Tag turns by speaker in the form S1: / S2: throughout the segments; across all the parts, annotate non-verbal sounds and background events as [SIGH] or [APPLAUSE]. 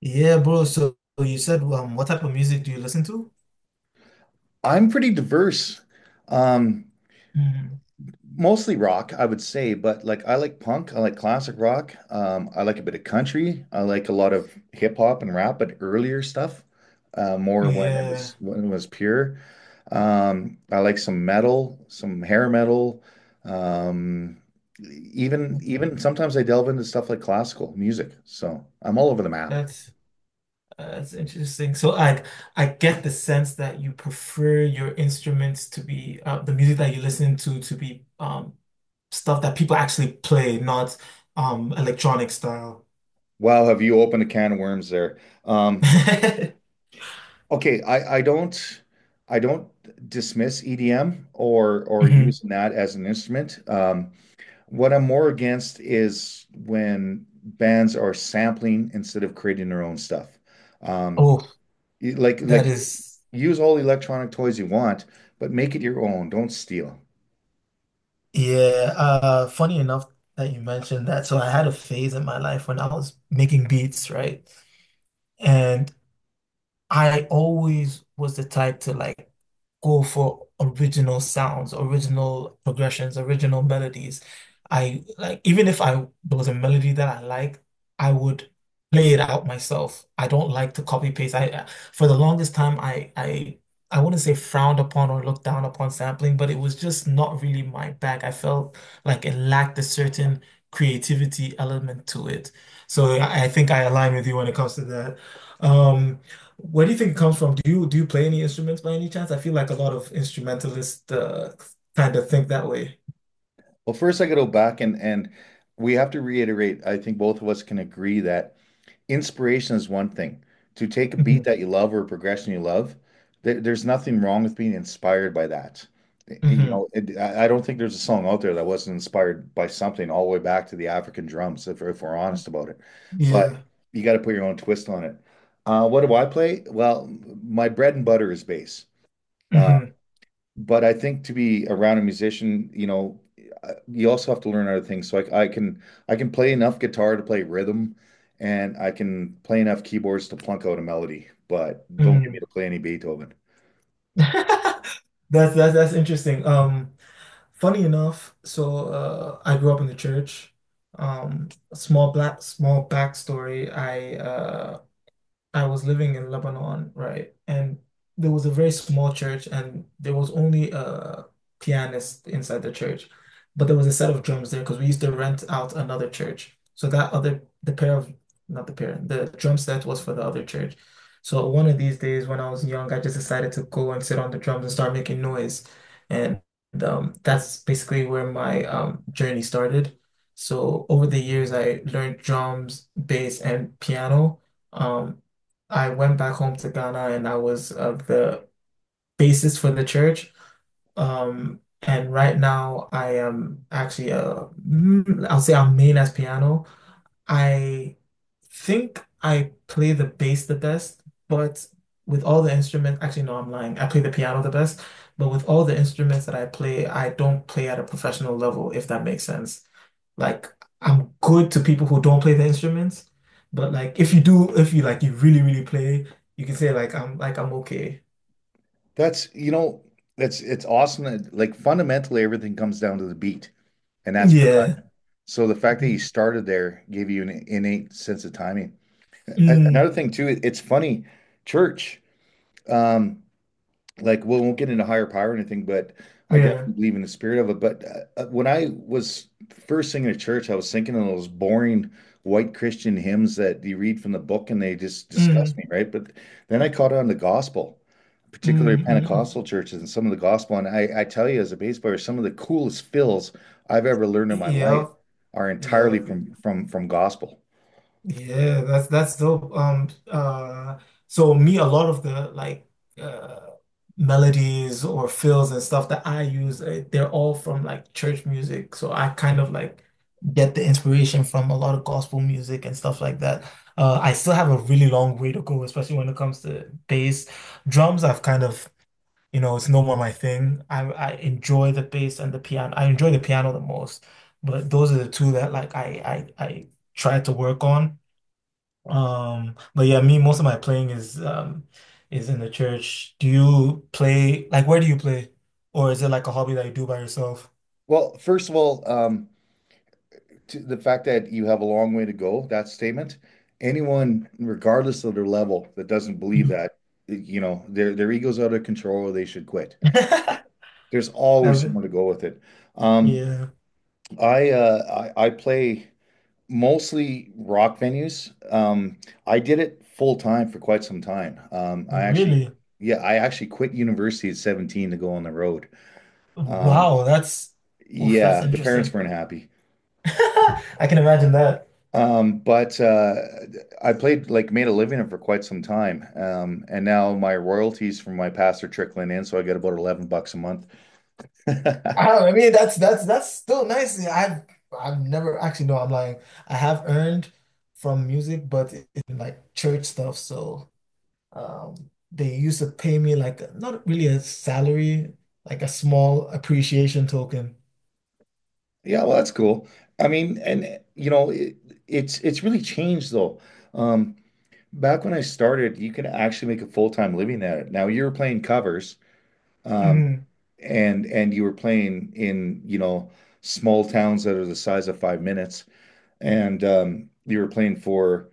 S1: Yeah, bro. So you said, what type of music do you listen to?
S2: I'm pretty diverse. Um,
S1: Mm,
S2: Mostly rock, I would say, but like I like punk, I like classic rock. I like a bit of country. I like a lot of hip hop and rap, but earlier stuff, more
S1: yeah,
S2: when it was pure. I like some metal, some hair metal. Um, even sometimes I delve into stuff like classical music. So I'm all over the map.
S1: that's that's interesting. So I get the sense that you prefer your instruments to be the music that you listen to be stuff that people actually play, not electronic style.
S2: Wow, have you opened a can of worms there? Um,
S1: [LAUGHS]
S2: Okay, I don't dismiss EDM or
S1: Mhm.
S2: using that as an instrument. What I'm more against is when bands are sampling instead of creating their own stuff. Um,
S1: Oh,
S2: y- like
S1: that
S2: like
S1: is
S2: use all the electronic toys you want, but make it your own. Don't steal.
S1: yeah. Funny enough that you mentioned that. So I had a phase in my life when I was making beats, right? And I always was the type to like go for original sounds, original progressions, original melodies. I like even if I there was a melody that I liked, I would play it out myself. I don't like to copy paste. I for the longest time I wouldn't say frowned upon or looked down upon sampling, but it was just not really my bag. I felt like it lacked a certain creativity element to it. So I think I align with you when it comes to that. Um, where do you think it comes from? Do you play any instruments by any chance? I feel like a lot of instrumentalists kind of think that way.
S2: Well, first I gotta go back and we have to reiterate. I think both of us can agree that inspiration is one thing. To take a
S1: Hmm
S2: beat that you love or a progression you love, there's nothing wrong with being inspired by that. I- You
S1: hmm
S2: know, it, I don't think there's a song out there that wasn't inspired by something all the way back to the African drums, if we're honest about it. But
S1: Yeah.
S2: you got to put your own twist on it. What do I play? Well, my bread and butter is bass. Uh,
S1: hmm
S2: but I think to be around a musician, you know, you also have to learn other things. So I can play enough guitar to play rhythm, and I can play enough keyboards to plunk out a melody. But don't get me
S1: Mm.
S2: to play any Beethoven.
S1: [LAUGHS] That's that's interesting. Funny enough, so I grew up in the church. Small black small backstory. I was living in Lebanon, right? And there was a very small church, and there was only a pianist inside the church, but there was a set of drums there because we used to rent out another church. So that other, the pair of, not the pair, the drum set was for the other church. So one of these days when I was young, I just decided to go and sit on the drums and start making noise. And that's basically where my journey started. So over the years, I learned drums, bass, and piano. Um, I went back home to Ghana and I was the basis for the church. And right now I am actually a, I'll say I'm main as piano. I think I play the bass the best, but with all the instruments, actually no, I'm lying. I play the piano the best, but with all the instruments that I play, I don't play at a professional level, if that makes sense. Like I'm good to people who don't play the instruments, but like if you do, if you like you really, really play, you can say like I'm okay.
S2: That's you know, that's it's awesome that like fundamentally everything comes down to the beat, and that's
S1: Yeah.
S2: percussion. So the fact that you
S1: Mhm.
S2: started there gave you an innate sense of timing. A-
S1: Mm,
S2: Another thing too, it's funny, church. Um, like well, we won't get into higher power or anything, but I
S1: yeah.
S2: definitely believe in the spirit of it. But when I was first singing at church, I was thinking of those boring white Christian hymns that you read from the book and they just disgust
S1: Mm,
S2: me, right? But then I caught on the gospel, particularly
S1: mm, mm.
S2: Pentecostal churches and some of the gospel. And I tell you, as a bass player, some of the coolest fills I've ever learned in my
S1: Yep.
S2: life are entirely
S1: Yep.
S2: from gospel.
S1: Yeah, that's dope. So me, a lot of the uh melodies or fills and stuff that I use, they're all from like church music. So I kind of like get the inspiration from a lot of gospel music and stuff like that. I still have a really long way to go, especially when it comes to bass. Drums, I've kind of, you know, it's no more my thing. I enjoy the bass and the piano. I enjoy the piano the most, but those are the two that like I try to work on. But yeah, me, most of my playing is in the church. Do you play like where do you play? Or is it like a hobby that you do by yourself?
S2: Well, first of all, to the fact that you have a long way to go, that statement, anyone, regardless of their level, that doesn't believe
S1: Mhm.
S2: that, you know, their ego's out of control or they should quit.
S1: [LAUGHS]
S2: There's always someone
S1: Um,
S2: to go with it. Um,
S1: yeah,
S2: I play mostly rock venues. I did it full time for quite some time.
S1: really.
S2: I actually quit university at 17 to go on the road. Um,
S1: Wow, that's oof, that's
S2: yeah, the parents
S1: interesting.
S2: weren't happy.
S1: [LAUGHS] I can imagine that.
S2: But I played, like, made a living for quite some time. And now my royalties from my past are trickling in, so I get about $11 a month.
S1: I
S2: [LAUGHS]
S1: don't, I mean that's still nice. Yeah, I've never actually no, I'm lying. I have earned from music, but in like church stuff, so um, they used to pay me like a, not really a salary, like a small appreciation token.
S2: Yeah, well, that's cool. I mean, and you know, it's really changed though. Um, Back when I started, you could actually make a full-time living at it. Now you were playing covers, um,
S1: Mm,
S2: and you were playing in, you know, small towns that are the size of 5 minutes, and you were playing for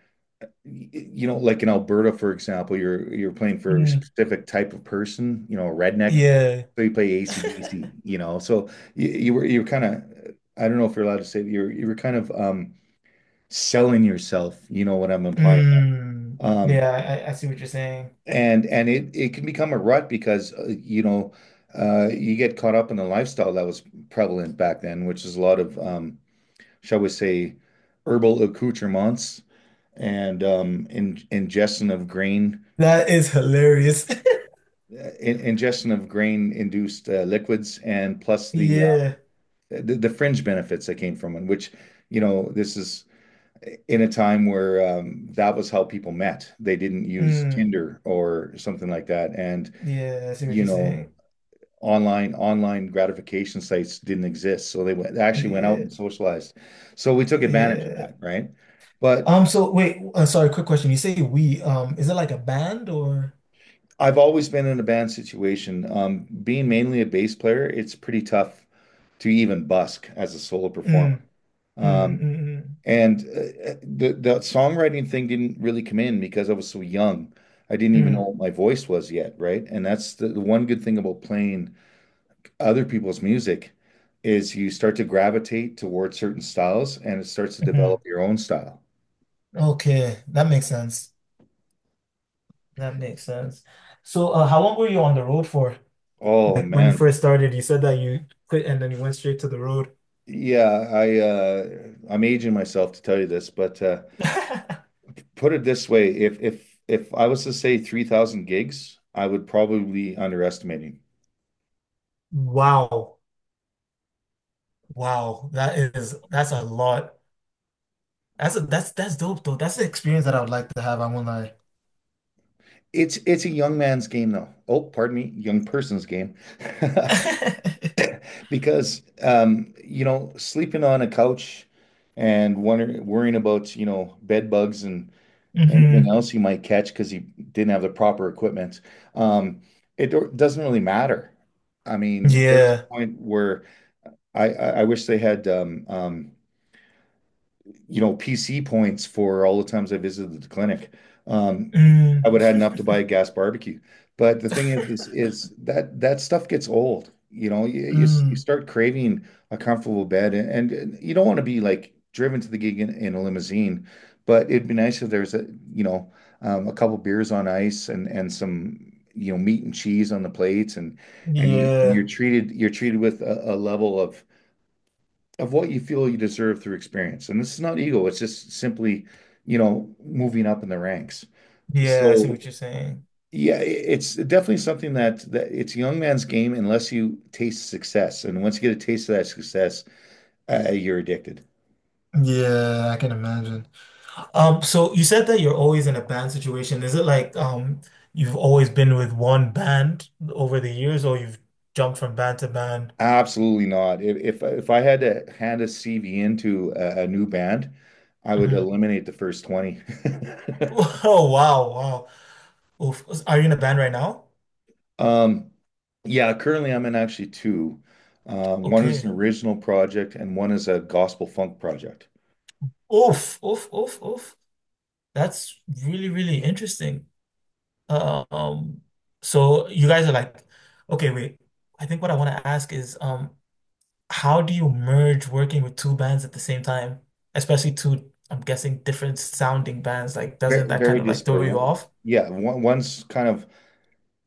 S2: you know, like in Alberta, for example, you're playing for a
S1: mm,
S2: specific type of person, you know, a redneck.
S1: yeah.
S2: So you play ACDC,
S1: [LAUGHS]
S2: you know. So you, you were kind of, I don't know if you're allowed to say that you were kind of selling yourself, you know what I'm implying.
S1: Mm,
S2: Um
S1: yeah, I see what you're saying.
S2: and it it can become a rut because you know you get caught up in the lifestyle that was prevalent back then, which is a lot of shall we say herbal accoutrements and ingestion of grain
S1: That is hilarious. [LAUGHS]
S2: in ingestion of grain-induced liquids and plus
S1: Yeah.
S2: the fringe benefits that came from it, which, you know, this is in a time where that was how people met. They didn't use
S1: Mm,
S2: Tinder or something like that. And,
S1: yeah, I see what
S2: you
S1: you're
S2: know,
S1: saying.
S2: online gratification sites didn't exist. So they actually went out
S1: Yeah.
S2: and socialized. So we took advantage of
S1: Yeah.
S2: that, right? But
S1: So wait, sorry, quick question. You say we, is it like a band or?
S2: I've always been in a band situation. Being mainly a bass player, it's pretty tough to even busk as a solo performer.
S1: Mm, mm,
S2: Um,
S1: mm,
S2: and the songwriting thing didn't really come in because I was so young. I didn't even know
S1: mm,
S2: what my voice was yet, right? And that's the one good thing about playing other people's music is you start to gravitate towards certain styles and it starts to
S1: mm, mm.
S2: develop your own style.
S1: Okay, that makes sense. That makes sense. So, how long were you on the road for?
S2: Oh
S1: Like when you
S2: man.
S1: first started, you said that you quit and then you went straight to the road.
S2: Yeah, I'm aging myself to tell you this, but
S1: [LAUGHS]
S2: put it this way, if I was to say 3,000 gigs, I would probably be underestimating.
S1: Wow. Wow. That is that's a lot. That's dope though. That's the experience that I would like to have. I won't lie.
S2: It's a young man's game, though. Oh, pardon me, young person's game. [LAUGHS]
S1: [LAUGHS]
S2: Because, you know, sleeping on a couch and worrying about, you know, bed bugs and anything
S1: hmm
S2: else you might catch because you didn't have the proper equipment, um, doesn't really matter. I mean, there's
S1: Yeah.
S2: a point where I wish they had you know, PC points for all the times I visited the clinic. Um, I
S1: Mm.
S2: would have had enough
S1: [LAUGHS]
S2: to buy a gas barbecue. But The thing is that that stuff gets old. You know, you
S1: Mm.
S2: start craving a comfortable bed, and you don't want to be like driven to the gig in a limousine, but it'd be nice if there's a, you know, a couple beers on ice and some, you know, meat and cheese on the plates, and
S1: Yeah.
S2: you're treated with a level of what you feel you deserve through experience. And this is not ego, it's just simply, you know, moving up in the ranks.
S1: Yeah, I see
S2: So
S1: what you're saying.
S2: yeah, it's definitely something that it's a young man's game unless you taste success. And once you get a taste of that success, you're addicted.
S1: Yeah, I can imagine. So you said that you're always in a band situation. Is it like you've always been with one band over the years, or you've jumped from band to band?
S2: Absolutely not. If I had to hand a CV into a new band, I would
S1: Mhm.
S2: eliminate the first 20.
S1: [LAUGHS]
S2: [LAUGHS]
S1: Oh wow, wow. Oof. Are you in a band right now?
S2: Um, yeah, currently I'm in actually two. One is
S1: Okay.
S2: an original project and one is a gospel funk project.
S1: Oof, oof, oof, oof. That's really, really interesting. Um, so you guys are like, okay, wait. I think what I want to ask is how do you merge working with two bands at the same time? Especially two, I'm guessing, different sounding bands. Like, doesn't
S2: Very,
S1: that kind
S2: very
S1: of like throw
S2: disparate.
S1: you off?
S2: One's kind of,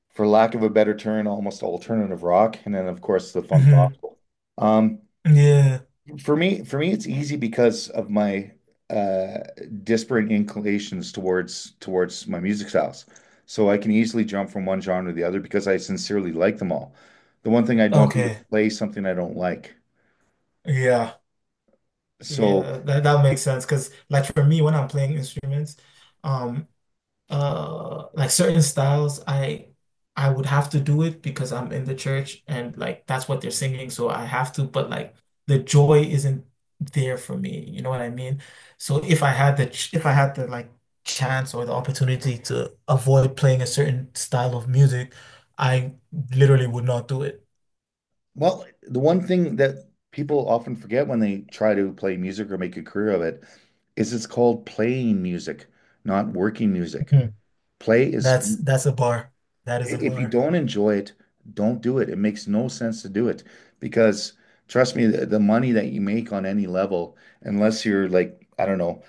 S2: for lack of a better term, almost alternative rock, and then of course the funk
S1: Hmm
S2: gospel. Um,
S1: Yeah.
S2: for me, it's easy because of my uh, disparate inclinations towards my music styles. So I can easily jump from one genre to the other because I sincerely like them all. The one thing I don't do is
S1: Okay.
S2: play something I don't like.
S1: Yeah.
S2: So,
S1: Yeah. That that makes sense. Because like for me, when I'm playing instruments, um, certain styles I would have to do it because I'm in the church and like that's what they're singing so I have to but like the joy isn't there for me, you know what I mean, so if I had the ch- if I had the like chance or the opportunity to avoid playing a certain style of music, I literally would not do it.
S2: well, the one thing that people often forget when they try to play music or make a career of it is it's called playing music, not working music.
S1: Mhm.
S2: Play is,
S1: That's a bar, that is a
S2: if you
S1: bar.
S2: don't enjoy it, don't do it. It makes no sense to do it because trust me, the money that you make on any level, unless you're like, I don't know,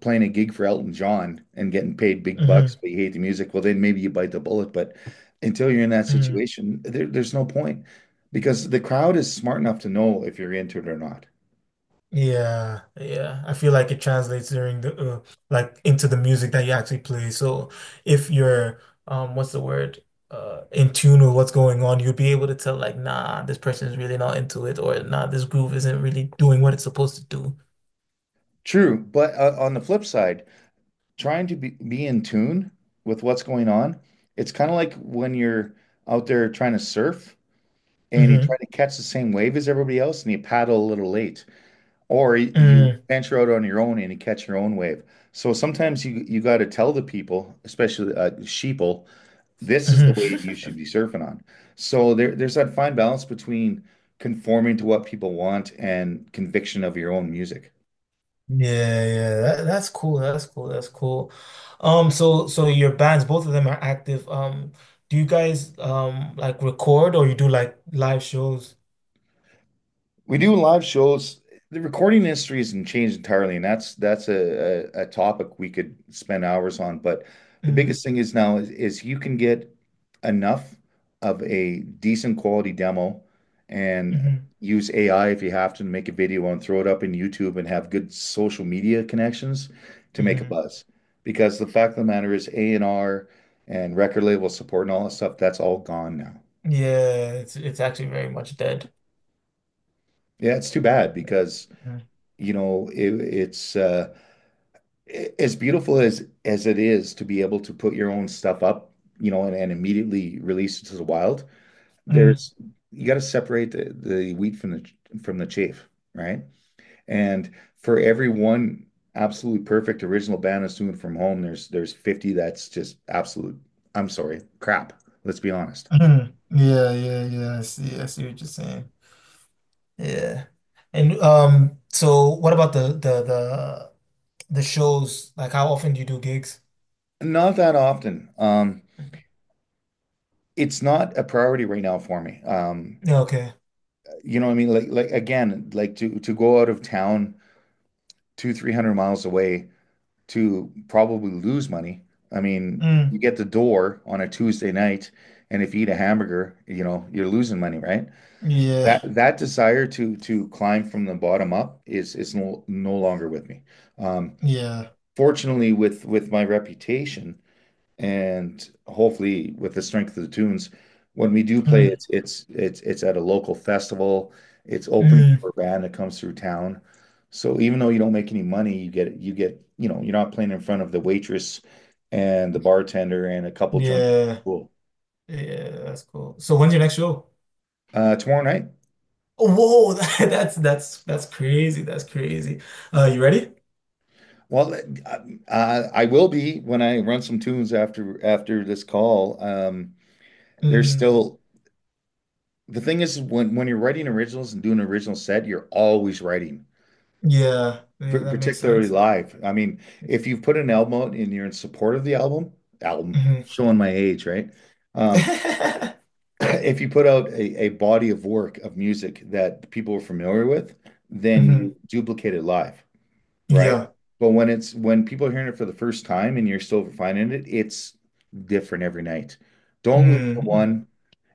S2: playing a gig for Elton John and getting paid big bucks, but you hate the music, well, then maybe you bite the bullet. But until you're in that
S1: Hmm
S2: situation, there's no point because the crowd is smart enough to know if you're into it or not.
S1: Yeah, yeah. I feel like it translates during the like into the music that you actually play. So if you're what's the word? In tune with what's going on, you'll be able to tell like nah, this person is really not into it or nah, this groove isn't really doing what it's supposed to do.
S2: True, but on the flip side, trying to be in tune with what's going on, it's kind of like when you're out there trying to surf and you
S1: Mm-hmm.
S2: try to catch the same wave as everybody else and you paddle a little late. Or you
S1: Mm,
S2: venture out on your own and you catch your own wave. So sometimes you got to tell the people, especially sheeple, this is the
S1: hmm.
S2: wave you should be
S1: [LAUGHS]
S2: surfing on. So there's that fine balance between conforming to what people want and conviction of your own music.
S1: Yeah, yeah. That's cool. That's cool. That's cool. So your bands, both of them are active. Do you guys like record or you do like live shows?
S2: We do live shows. The recording industry hasn't changed entirely, and that's a, a topic we could spend hours on. But the biggest thing is now is you can get enough of a decent quality demo and
S1: Mm-hmm.
S2: use AI if you have to make a video and throw it up in YouTube and have good social media connections to make a
S1: hmm
S2: buzz. Because the fact of the matter is A&R and R and record label support and all that stuff, that's all gone now.
S1: Yeah, it's actually very much dead.
S2: Yeah, it's too bad because,
S1: Mm.
S2: it's as beautiful as it is to be able to put your own stuff up, and immediately release it to the wild,
S1: Mm.
S2: there's you got to separate the wheat from the chaff, right? And for every one absolutely perfect original Banassoon from home, there's 50 that's just absolute, I'm sorry, crap. Let's be honest.
S1: Mm. Yeah, yeah, yeah. I see. I see what you're saying. Yeah. And so what about the shows? Like how often do you do gigs?
S2: Not that often. It's not a priority right now for me.
S1: Yeah, okay.
S2: You know what I mean? Like again, like to go out of town two, 300 miles away to probably lose money. I mean, you
S1: Mm.
S2: get the door on a Tuesday night, and if you eat a hamburger, you know, you're losing money, right?
S1: Yeah.
S2: That desire to climb from the bottom up is no longer with me. Um,
S1: Yeah.
S2: fortunately, with my reputation, and hopefully, with the strength of the tunes, when we do play,
S1: Mm.
S2: it's at a local festival. It's opening
S1: Mm.
S2: for a band that comes through town. So even though you don't make any money, you get, you know, you're not playing in front of the waitress and the bartender and a couple drunk
S1: Yeah.
S2: people.
S1: Yeah, that's cool. So when's your next show?
S2: Tomorrow night.
S1: Oh, whoa, [LAUGHS] that's that's crazy. That's crazy. You ready?
S2: Well, I will be when I run some tunes after this call. There's
S1: Mm.
S2: still the thing is when you're writing originals and doing an original set, you're always writing,
S1: Yeah. Yeah, that makes
S2: particularly
S1: sense.
S2: live. I mean, if you've put an album out and you're in support of the album, album,
S1: Mhm.
S2: showing my age, right? Um,
S1: [LAUGHS]
S2: [CLEARS THROAT] if you put out a body of work of music that people are familiar with, then you
S1: Mhm.
S2: duplicate it live, right?
S1: Yeah.
S2: But when it's when people are hearing it for the first time and you're still refining it, it's different every night. Don't lose the
S1: Mm.
S2: one.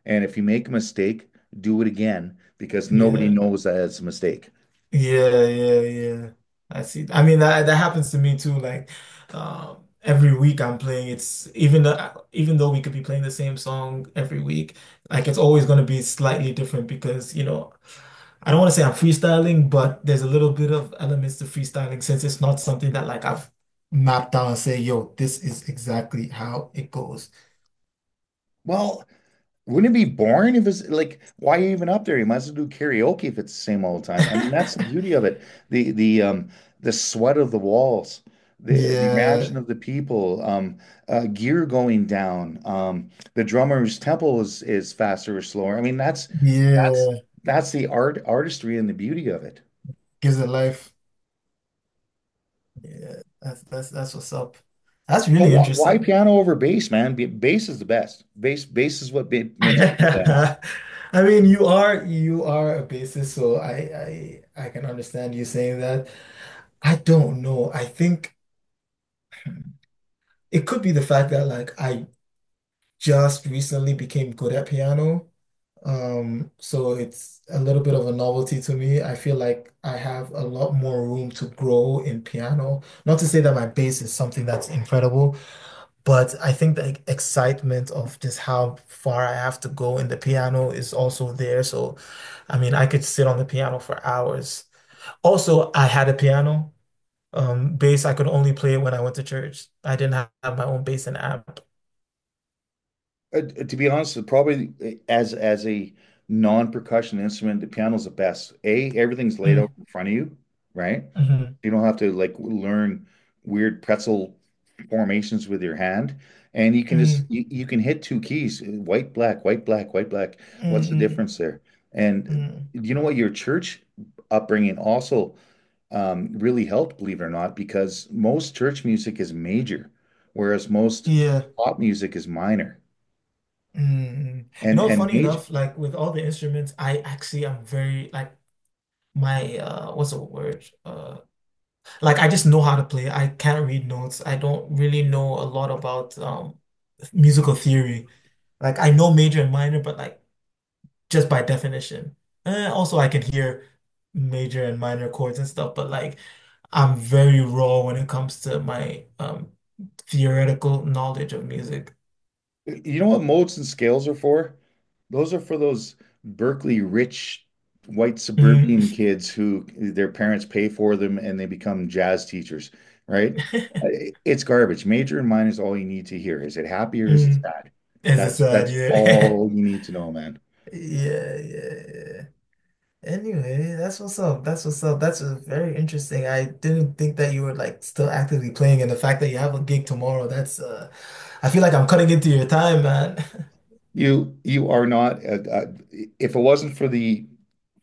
S2: And if you make a mistake, do it again because nobody
S1: Yeah.
S2: knows that it's a mistake.
S1: Yeah. Yeah. Yeah. I see. I mean, that that happens to me too. Like, every week I'm playing. It's even though we could be playing the same song every week, like it's always going to be slightly different because you know, I don't want to say I'm freestyling, but there's a little bit of elements to freestyling since it's not something that like I've mapped out and say, yo, this is exactly how it goes.
S2: Well, wouldn't it be boring if it's like why are you even up there? You might as well do karaoke if it's the same all the time. I mean, that's the beauty
S1: [LAUGHS]
S2: of it. The the sweat of the walls, the reaction
S1: Yeah.
S2: of the people, um, gear going down, um, the drummer's tempo is faster or slower. I mean, that's
S1: Yeah.
S2: that's the artistry and the beauty of it.
S1: Gives it life. Yeah, that's that's what's up. That's
S2: So
S1: really
S2: why
S1: interesting.
S2: piano over bass, man? Bass is the best. Bass is what
S1: [LAUGHS]
S2: makes people dance.
S1: I mean, you are a bassist, so I can understand you saying that. I don't know. I think it could be the fact that like I just recently became good at piano. So it's a little bit of a novelty to me. I feel like I have a lot more room to grow in piano. Not to say that my bass is something that's incredible, but I think the excitement of just how far I have to go in the piano is also there. So, I mean, I could sit on the piano for hours. Also, I had a piano. Bass, I could only play when I went to church. I didn't have my own bass and amp.
S2: To be honest, probably as a non-percussion instrument, the piano's the best. A, everything's laid out
S1: Mm,
S2: in front of you, right?
S1: mhm,
S2: You don't have to like learn weird pretzel formations with your hand, and you can just
S1: mm,
S2: you can hit two keys, white, black, white, black, white, black.
S1: mm,
S2: What's the
S1: mm,
S2: difference there? And
S1: mm.
S2: you know what? Your church upbringing also really helped, believe it or not, because most church music is major, whereas most
S1: Yeah.
S2: pop music is minor.
S1: Mm. You
S2: And
S1: know,
S2: and
S1: funny
S2: major,
S1: enough, like with all the instruments, I actually am very like my what's the word? Like I just know how to play. I can't read notes. I don't really know a lot about musical theory. Like I know major and minor, but like just by definition. And also I can hear major and minor chords and stuff, but like I'm very raw when it comes to my theoretical knowledge of music.
S2: you know what modes and scales are for? Those are for those Berkeley rich white
S1: Mm.
S2: suburban kids who their parents pay for them and they become jazz teachers, right? Uh,
S1: [LAUGHS]
S2: it's garbage. Major and minor is all you need to hear. Is it happy or is it
S1: Mm.
S2: sad?
S1: It's a
S2: That's
S1: sad,
S2: that's
S1: yeah.
S2: all you
S1: [LAUGHS]
S2: need to know, man.
S1: Yeah, yeah, yeah. Anyway, that's what's up. That's what's up. That's very interesting. I didn't think that you were like still actively playing, and the fact that you have a gig tomorrow, that's I feel like I'm cutting into your time, man. [LAUGHS]
S2: You are not. If it wasn't for the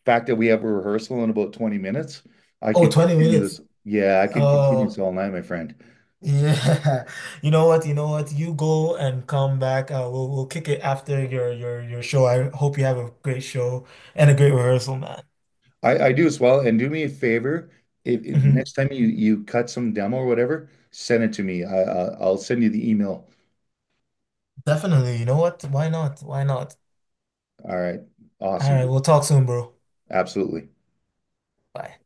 S2: fact that we have a rehearsal in about 20 minutes, I
S1: Oh,
S2: could
S1: 20
S2: continue
S1: minutes.
S2: this. Yeah, I could continue this
S1: Oh,
S2: all night, my friend.
S1: yeah. [LAUGHS] You know what? You know what? You go and come back. We'll kick it after your show. I hope you have a great show and a great rehearsal, man.
S2: I do as well. And do me a favor, if, Mhm, next
S1: Hmm
S2: time you cut some demo or whatever, send it to me. I'll send you the email.
S1: Definitely. You know what? Why not? Why not?
S2: All right.
S1: All
S2: Awesome,
S1: right,
S2: dude.
S1: we'll talk soon, bro.
S2: Absolutely.
S1: Bye.